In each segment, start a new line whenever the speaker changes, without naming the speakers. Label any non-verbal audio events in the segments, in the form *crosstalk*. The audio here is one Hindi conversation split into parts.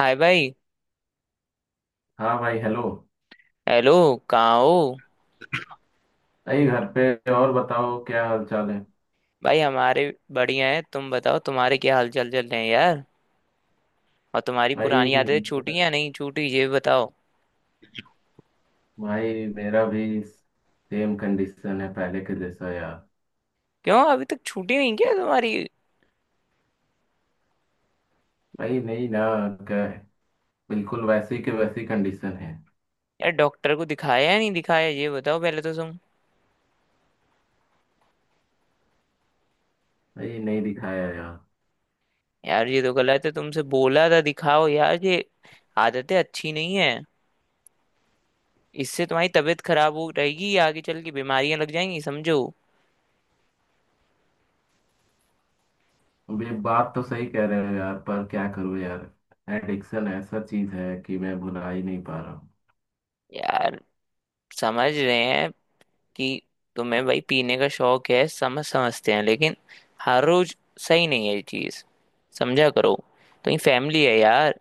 हाय भाई।
हाँ भाई, हेलो।
हेलो। कहाँ हो।
भाई घर पे। और बताओ क्या हाल चाल है
भाई हमारे बढ़िया है, तुम बताओ तुम्हारे क्या हालचाल चल रहे हैं यार। और तुम्हारी
भाई?
पुरानी आदतें छूटी या नहीं छूटी ये बताओ।
भाई मेरा भी सेम कंडीशन है पहले के जैसा यार।
क्यों अभी तक छूटी नहीं क्या तुम्हारी।
भाई नहीं ना, क्या है, बिल्कुल वैसी के वैसी कंडीशन है।
यार डॉक्टर को दिखाया या नहीं दिखाया ये बताओ पहले तो तुम।
भाई नहीं दिखाया यार।
यार ये तो गलत है, तुमसे बोला था दिखाओ, यार ये आदतें अच्छी नहीं है। इससे तुम्हारी तबीयत खराब हो रहेगी, आगे चल के बीमारियां लग जाएंगी समझो।
अब ये बात तो सही कह रहे हो यार, पर क्या करूँ यार, एडिक्शन ऐसा चीज है कि मैं भुला ही नहीं पा रहा हूँ।
यार समझ रहे हैं कि तुम्हें भाई पीने का शौक है, समझते हैं, लेकिन हर रोज सही नहीं है ये चीज, समझा करो। तो ये फैमिली है यार।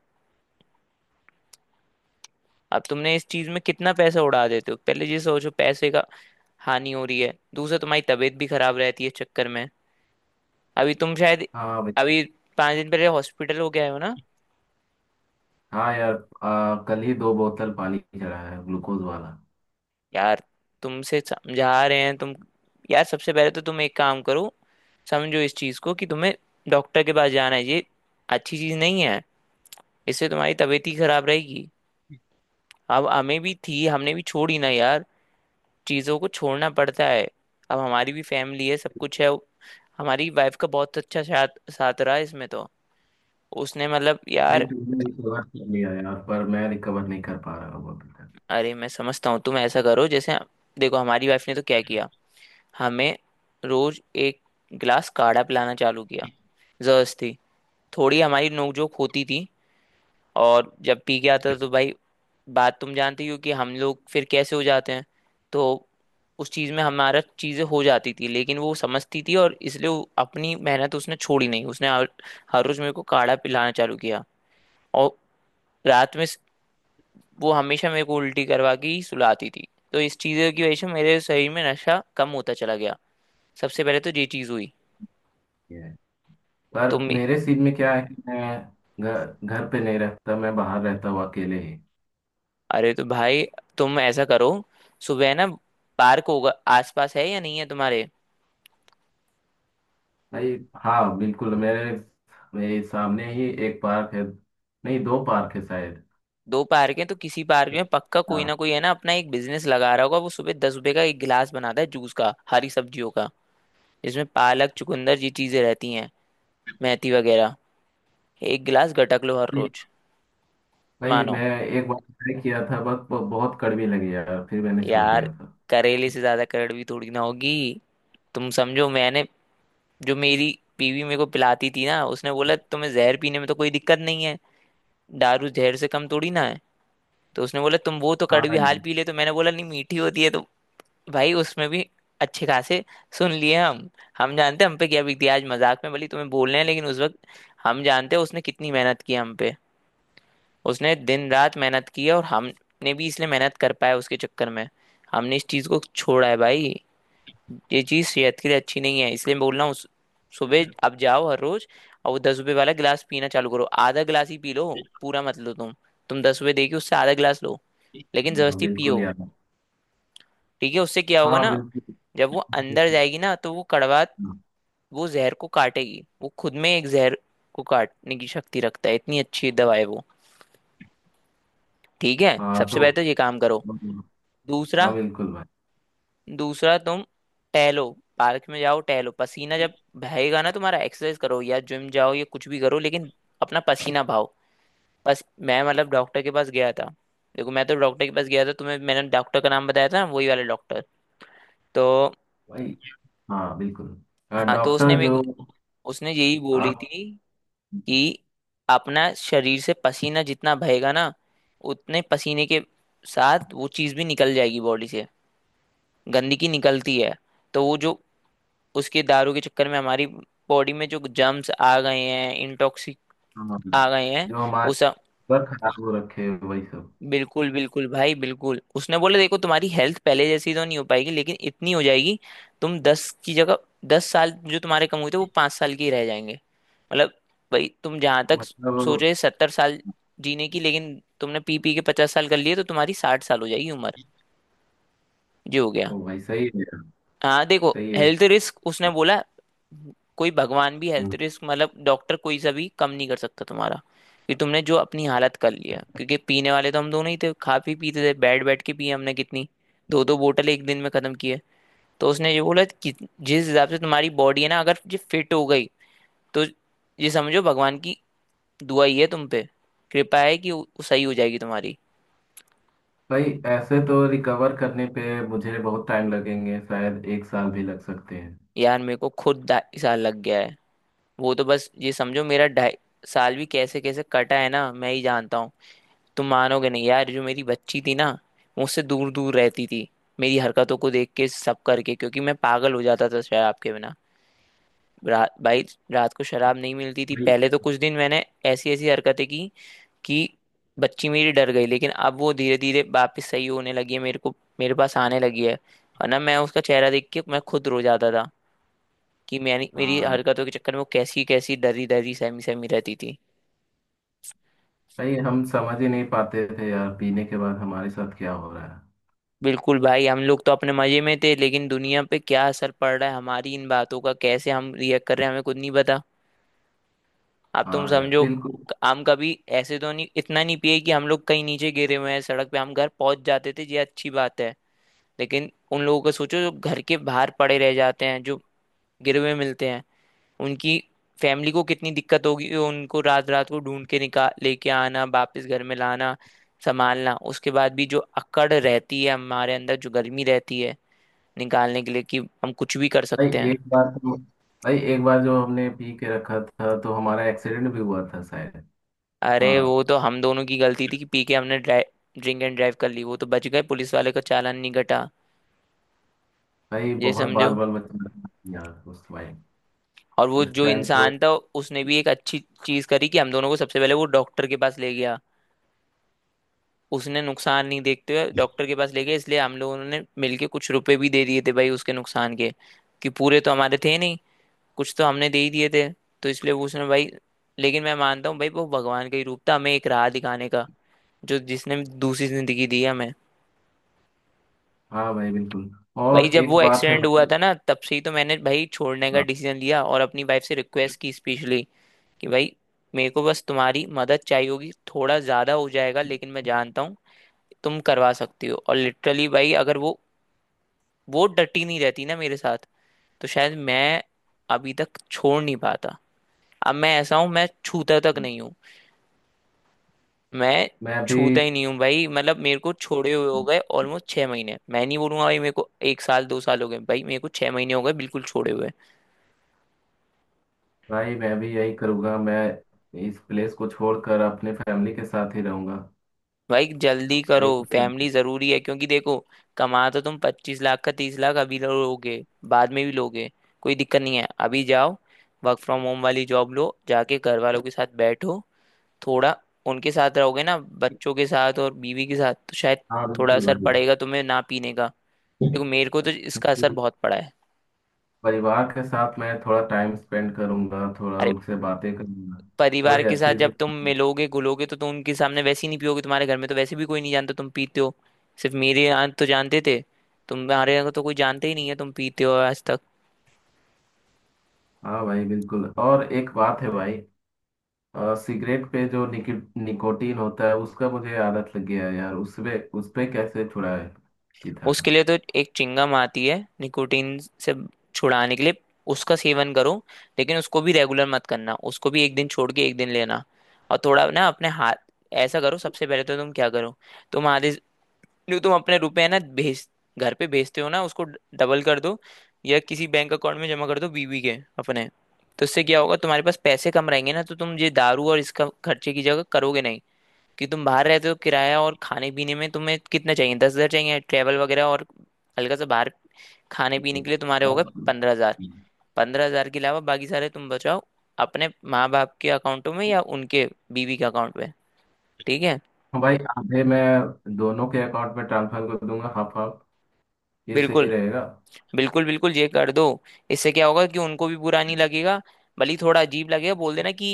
अब तुमने इस चीज में कितना पैसा उड़ा देते हो पहले ये सोचो, पैसे का हानि हो रही है, दूसरा तुम्हारी तबीयत भी खराब रहती है इस चक्कर में। अभी तुम शायद
हाँ भाई।
अभी 5 दिन पहले हॉस्पिटल हो गए हो ना।
हाँ यार, कल ही दो बोतल पानी चढ़ा है ग्लूकोज वाला।
यार तुमसे समझा रहे हैं तुम। यार सबसे पहले तो तुम एक काम करो, समझो इस चीज को कि तुम्हें डॉक्टर के पास जाना है, ये अच्छी चीज नहीं है, इससे तुम्हारी तबीयत ही खराब रहेगी। अब हमें भी थी, हमने भी छोड़ी ना यार, चीज़ों को छोड़ना पड़ता है। अब हमारी भी फैमिली है, सब कुछ है। हमारी वाइफ का बहुत अच्छा साथ साथ रहा इसमें तो। उसने मतलब
भाई
यार।
तुमने रिकवर कर लिया यार, पर मैं रिकवर नहीं कर पा रहा हूँ अभी तक।
अरे मैं समझता हूँ, तुम ऐसा करो, जैसे देखो हमारी वाइफ ने तो क्या किया, हमें रोज एक गिलास काढ़ा पिलाना चालू किया जबरदस्ती। थोड़ी हमारी नोकझोंक होती थी, और जब पी के आता था तो भाई बात तुम जानती हो कि हम लोग फिर कैसे हो जाते हैं। तो उस चीज में हमारा चीजें हो जाती थी, लेकिन वो समझती थी और इसलिए वो अपनी मेहनत उसने छोड़ी नहीं, उसने हर रोज मेरे को काढ़ा पिलाना चालू किया। और रात में वो हमेशा मेरे को उल्टी करवा के ही सुलाती थी, तो इस चीज की वजह से मेरे शरीर में नशा कम होता चला गया। सबसे पहले तो ये चीज हुई।
ये, पर
तुम
मेरे सीन में क्या है कि मैं घर घर पे नहीं रहता, मैं बाहर रहता हूँ अकेले ही।
अरे तो भाई तुम ऐसा करो, सुबह ना पार्क होगा आसपास, है या नहीं है तुम्हारे।
भाई, हाँ बिल्कुल, मेरे मेरे सामने ही एक पार्क है। नहीं, दो पार्क है शायद।
दो पार्क हैं तो किसी पार्क में पक्का कोई
हाँ
ना कोई है ना अपना एक बिजनेस लगा रहा होगा, वो सुबह 10 रुपए का एक गिलास बनाता है जूस का, हरी सब्जियों का, जिसमें पालक, चुकंदर ये चीजें रहती हैं, मेथी वगैरह। एक गिलास गटक लो हर रोज।
भाई, मैं
मानो
एक बार ट्राई किया था, बस बहुत कड़वी लगी यार, फिर मैंने छोड़
यार,
दिया था।
करेले से ज्यादा कड़वी थोड़ी ना होगी। तुम समझो, मैंने जो मेरी बीवी मेरे को पिलाती थी ना, उसने बोला तुम्हें जहर पीने में तो कोई दिक्कत नहीं है, दारू जहर से कम थोड़ी ना है। तो उसने बोला तुम वो तो
हाँ
कड़वी
यार।
हाल पी ले, तो मैंने बोला नहीं मीठी होती है तो। भाई उसमें भी अच्छे खासे सुन लिए हम जानते हैं हम पे क्या बीती है। आज मजाक में भली तुम्हें बोल रहे हैं लेकिन उस वक्त हम जानते हैं उसने कितनी मेहनत की हम पे, उसने दिन रात मेहनत की है, और हमने भी इसलिए मेहनत कर पाया उसके चक्कर में, हमने इस चीज को छोड़ा है भाई। ये चीज सेहत के लिए अच्छी नहीं है, इसलिए मैं बोल रहा हूँ, सुबह आप जाओ हर रोज, और वो 10 रुपए वाला गिलास पीना चालू करो, आधा गिलास ही पी लो, पूरा मत लो तुम 10 रुपए देके उससे आधा गिलास लो, लेकिन
हाँ,
जबरदस्ती
बिल्कुल
पियो।
यार।
ठीक है, उससे क्या होगा
हाँ
ना,
बिल्कुल।
जब वो अंदर जाएगी ना तो वो कड़वा, वो जहर को काटेगी, वो खुद में एक जहर को काटने की शक्ति रखता है, इतनी अच्छी दवा है वो। ठीक है
हाँ
सबसे
तो।
पहले तो ये काम करो।
हाँ
दूसरा
बिल्कुल भाई।
दूसरा तुम टहलो, पार्क में जाओ टहलो, पसीना जब बहेगा ना तुम्हारा, एक्सरसाइज करो या जिम जाओ या कुछ भी करो, लेकिन अपना पसीना बहाओ बस। मैं मतलब डॉक्टर के पास गया था, देखो मैं तो डॉक्टर के पास गया था, तुम्हें मैंने डॉक्टर का नाम बताया था ना वही वाला डॉक्टर, तो
भाई हाँ बिल्कुल।
हाँ तो उसने
डॉक्टर
मेरे को,
जो
उसने यही बोली
आप।
थी कि अपना शरीर से पसीना जितना बहेगा ना, उतने पसीने के साथ वो चीज़ भी निकल जाएगी बॉडी से, गंदगी निकलती है। तो वो जो उसके दारू के चक्कर में हमारी बॉडी में जो जर्म्स आ गए हैं, इंटॉक्सिक
हाँ,
आ गए हैं
जो हमारे
वो सब,
सर खराब हो रखे हैं वही सब।
बिल्कुल बिल्कुल भाई बिल्कुल, उसने बोला देखो तुम्हारी हेल्थ पहले जैसी तो नहीं हो पाएगी लेकिन इतनी हो जाएगी, तुम 10 की जगह, 10 साल जो तुम्हारे कम हुए थे वो 5 साल के ही रह जाएंगे। मतलब भाई तुम जहां तक सोच
मतलब।
रहे 70 साल जीने की, लेकिन तुमने पी पी के 50 साल कर लिए, तो तुम्हारी 60 साल हो जाएगी उम्र। जी हो गया।
ओ भाई सही है।
हाँ देखो
सही है।
हेल्थ रिस्क, उसने बोला कोई भगवान भी
हम्म।
हेल्थ रिस्क मतलब डॉक्टर कोई सा भी कम नहीं कर सकता तुम्हारा, कि तुमने जो अपनी हालत कर लिया, क्योंकि पीने वाले तो हम दोनों ही थे, खा पी पीते थे, बैठ बैठ के पिए हमने कितनी, दो दो बोतल एक दिन में खत्म की है। तो उसने ये बोला कि जिस हिसाब से तुम्हारी बॉडी है ना अगर ये फिट हो गई, तो ये समझो भगवान की दुआ ही है, तुम पे कृपा है कि वो सही हो जाएगी तुम्हारी।
भाई ऐसे तो रिकवर करने पे मुझे बहुत टाइम लगेंगे, शायद एक साल भी लग सकते हैं।
यार मेरे को खुद 2.5 साल लग गया है, वो तो बस ये समझो, मेरा 2.5 साल भी कैसे कैसे कटा है ना, मैं ही जानता हूँ। तुम मानोगे नहीं यार, जो मेरी बच्ची थी ना, मुझसे दूर दूर रहती थी, मेरी हरकतों को देख के सब करके, क्योंकि मैं पागल हो जाता था शराब के बिना। रात भाई, रात को शराब नहीं मिलती थी
भाई।
पहले तो कुछ दिन, मैंने ऐसी ऐसी हरकतें की कि बच्ची मेरी डर गई, लेकिन अब वो धीरे धीरे वापस सही होने लगी है, मेरे को मेरे पास आने लगी है। और ना मैं उसका चेहरा देख के मैं खुद रो जाता था, कि मैंने मेरी
हाँ
हरकतों के चक्कर में वो कैसी कैसी डरी डरी सहमी सहमी रहती थी।
भाई, हम समझ ही नहीं पाते थे यार, पीने के बाद हमारे साथ क्या हो रहा है।
बिल्कुल भाई हम लोग तो अपने मजे में थे, लेकिन दुनिया पे क्या असर पड़ रहा है हमारी इन बातों का, कैसे हम रिएक्ट कर रहे हैं हमें खुद नहीं पता, आप तुम
हाँ यार
समझो।
बिल्कुल।
हम कभी ऐसे तो नहीं, इतना नहीं पिए कि हम लोग कहीं नीचे गिरे हुए हैं सड़क पे, हम घर पहुंच जाते थे ये अच्छी बात है। लेकिन उन लोगों का सोचो जो घर के बाहर पड़े रह जाते हैं, जो गिरे हुए मिलते हैं, उनकी फैमिली को कितनी दिक्कत होगी उनको, रात रात को ढूंढ के निकाल लेके आना वापस घर में लाना, संभालना, उसके बाद भी जो अकड़ रहती है हमारे अंदर, जो गर्मी रहती है निकालने के लिए कि हम कुछ भी कर
भाई
सकते हैं।
एक बार तो, भाई एक बार जो हमने पी के रखा था तो हमारा एक्सीडेंट भी हुआ था शायद।
अरे
हाँ।
वो तो हम दोनों की गलती थी कि पी के हमने ड्रिंक एंड ड्राइव कर ली, वो तो बच गए पुलिस वाले का चालान नहीं कटा,
भाई
ये
बहुत
समझो।
बाल बाल बच्चे यार उस टाइम,
और वो
उस
जो
टाइम तो।
इंसान था उसने भी एक अच्छी चीज करी कि हम दोनों को सबसे पहले वो डॉक्टर के पास ले गया, उसने नुकसान नहीं देखते हुए डॉक्टर के पास ले गया, इसलिए हम लोगों ने मिलके कुछ रुपए भी दे दिए थे भाई उसके नुकसान के, कि पूरे तो हमारे थे नहीं, कुछ तो हमने दे ही दिए थे। तो इसलिए वो उसने भाई, लेकिन मैं मानता हूँ भाई वो भगवान का ही रूप था हमें एक राह दिखाने का, जो जिसने दूसरी जिंदगी दी हमें तो।
हाँ भाई बिल्कुल।
भाई
और
जब
एक
वो
बात है
एक्सीडेंट हुआ
भाई।
था ना, तब से ही तो मैंने भाई छोड़ने का
हाँ।
डिसीजन लिया, और अपनी वाइफ से रिक्वेस्ट की स्पेशली कि भाई मेरे को बस तुम्हारी मदद चाहिए होगी, थोड़ा ज्यादा हो जाएगा लेकिन मैं जानता हूँ तुम करवा सकती हो। और लिटरली भाई अगर वो डटी नहीं रहती ना मेरे साथ, तो शायद मैं अभी तक छोड़ नहीं पाता। अब मैं ऐसा हूँ, मैं छूता तक नहीं हूँ, मैं
मैं भी
छूता ही नहीं हूँ भाई, मतलब मेरे को छोड़े हुए हो गए ऑलमोस्ट 6 महीने। मैं नहीं बोलूंगा भाई मेरे को एक साल 2 साल हो गए, भाई मेरे को 6 महीने हो गए बिल्कुल छोड़े हुए।
मैं भी यही करूँगा, मैं इस प्लेस को छोड़कर अपने फैमिली के साथ ही रहूँगा।
भाई जल्दी करो,
भाई।
फैमिली जरूरी है, क्योंकि देखो कमा तो तुम 25 लाख का 30 लाख अभी लोगे, बाद में भी लोगे, कोई दिक्कत नहीं है, अभी जाओ, वर्क फ्रॉम होम वाली जॉब लो, जाके घर वालों के साथ बैठो, थोड़ा उनके साथ रहोगे ना बच्चों के साथ और बीवी के साथ तो शायद
हाँ
थोड़ा
बिल्कुल
असर
भाई।
पड़ेगा तुम्हें ना पीने का, देखो मेरे को तो इसका असर बहुत पड़ा है।
परिवार के साथ मैं थोड़ा टाइम स्पेंड करूँगा, थोड़ा
अरे
उनसे बातें करूँगा,
परिवार
थोड़ी
के साथ
अच्छी
जब तुम
सी।
मिलोगे घुलोगे तो तुम उनके सामने वैसे ही नहीं पियोगे, तुम्हारे घर में तो वैसे भी कोई नहीं जानता तुम पीते हो, सिर्फ मेरे यहाँ तो जानते थे, तुम्हारे यहाँ तो कोई जानते ही नहीं है तुम पीते हो आज तक।
*laughs* हाँ भाई बिल्कुल, और एक बात है भाई। सिगरेट पे जो निकोटीन होता है उसका मुझे आदत लग गया है यार, उसपे उसपे कैसे छुड़ाए? पिता।
उसके लिए तो एक चिंगम आती है, निकोटीन से छुड़ाने के लिए, उसका सेवन करो, लेकिन उसको भी रेगुलर मत करना, उसको भी एक दिन छोड़ के एक दिन लेना। और थोड़ा ना अपने हाथ, ऐसा करो सबसे पहले तो तुम क्या करो तुम आधे, जो तुम अपने रुपए है ना भेज घर पे भेजते हो ना, उसको डबल कर दो। या किसी बैंक अकाउंट में जमा कर दो, बीवी के, अपने। तो इससे क्या होगा, तुम्हारे पास पैसे कम रहेंगे ना, तो तुम ये दारू और इसका खर्चे की जगह करोगे नहीं। कि तुम बाहर रहते हो, किराया और खाने पीने में तुम्हें कितना चाहिए, 10 हजार चाहिए, ट्रैवल वगैरह और हल्का सा बाहर खाने पीने के लिए तुम्हारे हो
हाँ
गए 15 हजार। 15 हजार के अलावा बाकी सारे तुम बचाओ, अपने माँ बाप के अकाउंटों में या उनके, बीवी के अकाउंट में। ठीक है।
भाई, आधे मैं दोनों के अकाउंट में ट्रांसफर कर दूंगा, हाफ हाफ। ये सही
बिल्कुल,
रहेगा।
बिल्कुल बिल्कुल ये कर दो। इससे क्या होगा कि उनको भी बुरा नहीं लगेगा। भले ही थोड़ा अजीब लगेगा, बोल देना कि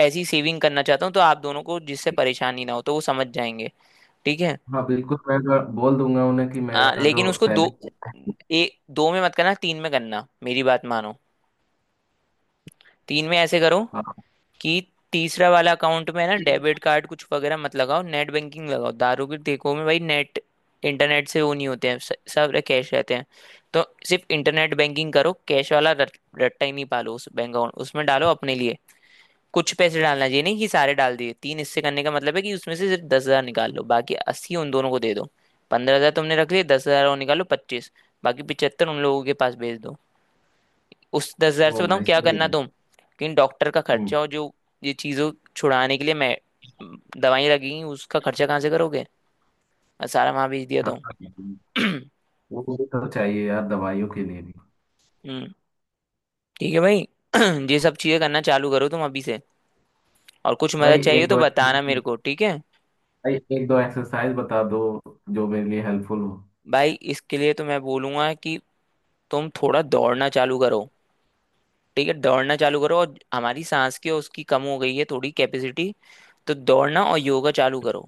ऐसी सेविंग करना चाहता हूँ तो आप दोनों को जिससे परेशानी ना हो, तो वो समझ जाएंगे। ठीक है।
हाँ बिल्कुल, मैं बोल दूंगा उन्हें कि मेरा
लेकिन
जो
उसको दो,
सैलरी।
दो में मत करना, तीन में करना, मेरी बात मानो। तीन में ऐसे करो
हाँ
कि तीसरा वाला अकाउंट में ना डेबिट कार्ड कुछ वगैरह मत लगाओ, नेट बैंकिंग लगाओ। दारू के ठेकों में भाई नेट, इंटरनेट से वो नहीं होते हैं, सब कैश रहते हैं। तो सिर्फ इंटरनेट बैंकिंग करो, कैश वाला रट्टा ही नहीं पालो। उस बैंक अकाउंट उसमें डालो अपने लिए कुछ पैसे। डालना चाहिए नहीं कि सारे डाल दिए। तीन हिस्से करने का मतलब है कि उसमें से सिर्फ 10 हजार निकाल लो, बाकी 80 उन दोनों को दे दो। 15 हजार तुमने रख लिए, 10 हजार और निकालो, 25। बाकी 75 उन लोगों के पास भेज दो। उस 10 हजार से
वो
बताऊँ
भाई
क्या
सही
करना
है।
तुम। लेकिन डॉक्टर का
हम्म।
खर्चा और जो ये चीज़ों छुड़ाने के लिए मैं, दवाई लगेंगी, उसका खर्चा कहाँ से करोगे? मैं सारा वहां भेज दिया
हाँ
तुम।
हाँ।
*clears throat*
वो तो चाहिए यार दवाइयों के लिए भी।
हम्म। ठीक है भाई। *clears throat* ये सब चीजें करना चालू करो तुम अभी से। और कुछ
भाई
मदद चाहिए
एक
तो
दो,
बताना मेरे को, ठीक है
भाई एक दो एक्सरसाइज बता दो जो मेरे लिए हेल्पफुल हो।
भाई? इसके लिए तो मैं बोलूंगा कि तुम थोड़ा दौड़ना चालू करो। ठीक है, दौड़ना चालू करो, और हमारी सांस की और उसकी कम हो गई है थोड़ी कैपेसिटी। तो दौड़ना और योगा चालू करो।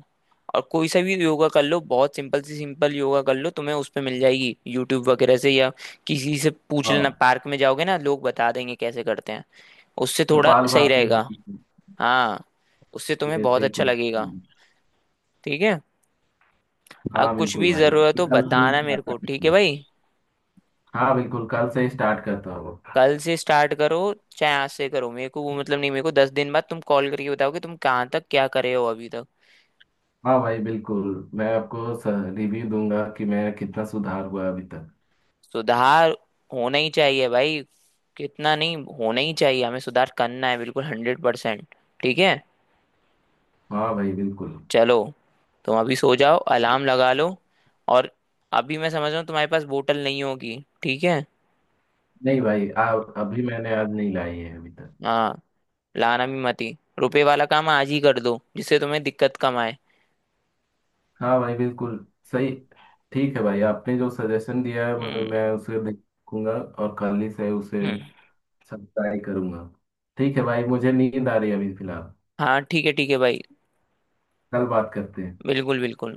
और कोई सा भी योगा कर लो, बहुत सिंपल सी सिंपल योगा कर लो, तुम्हें उस पे मिल जाएगी यूट्यूब वगैरह से। या किसी से पूछ लेना,
हाँ।
पार्क में जाओगे ना, लोग बता देंगे कैसे करते हैं। उससे थोड़ा
कपाल
सही
भाती हो,
रहेगा हाँ, उससे तुम्हें
ऐसे
बहुत
ही
अच्छा
कुछ।
लगेगा। ठीक है। अब
हाँ
कुछ
बिल्कुल
भी जरूरत
भाई,
हो
कल से ही
बताना मेरे
start
को, ठीक
करते
है
हैं।
भाई।
हाँ बिल्कुल, कल से ही स्टार्ट करता हूँ।
कल से स्टार्ट करो, चाहे आज से करो, मेरे को वो मतलब नहीं। मेरे को 10 दिन बाद तुम कॉल करके बताओगे तुम कहाँ तक क्या करे हो अभी तक।
हाँ भाई बिल्कुल, मैं आपको रिव्यू दूंगा कि मैं कितना सुधार हुआ अभी तक।
सुधार होना ही चाहिए भाई, कितना नहीं, होना ही चाहिए, हमें सुधार करना है बिल्कुल 100%। ठीक है।
हाँ भाई बिल्कुल।
चलो, तुम अभी सो जाओ, अलार्म लगा लो। और अभी मैं समझ रहा हूँ तुम्हारे पास बोतल नहीं होगी, ठीक है?
नहीं भाई, अभी मैंने आज नहीं लाई है अभी तक।
हाँ, लाना भी मती। रुपए वाला काम आज ही कर दो, जिससे तुम्हें दिक्कत कम आए।
हाँ भाई बिल्कुल, सही। ठीक है भाई, आपने जो सजेशन दिया है वो
हम्म,
मैं उसे देखूंगा और खाली से उसे
हम्म।
सब ट्राई करूंगा। ठीक है भाई, मुझे नींद आ रही है अभी फिलहाल,
हाँ, ठीक है भाई।
कल बात करते हैं।
बिल्कुल बिल्कुल।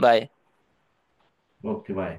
बाय।
Okay bye.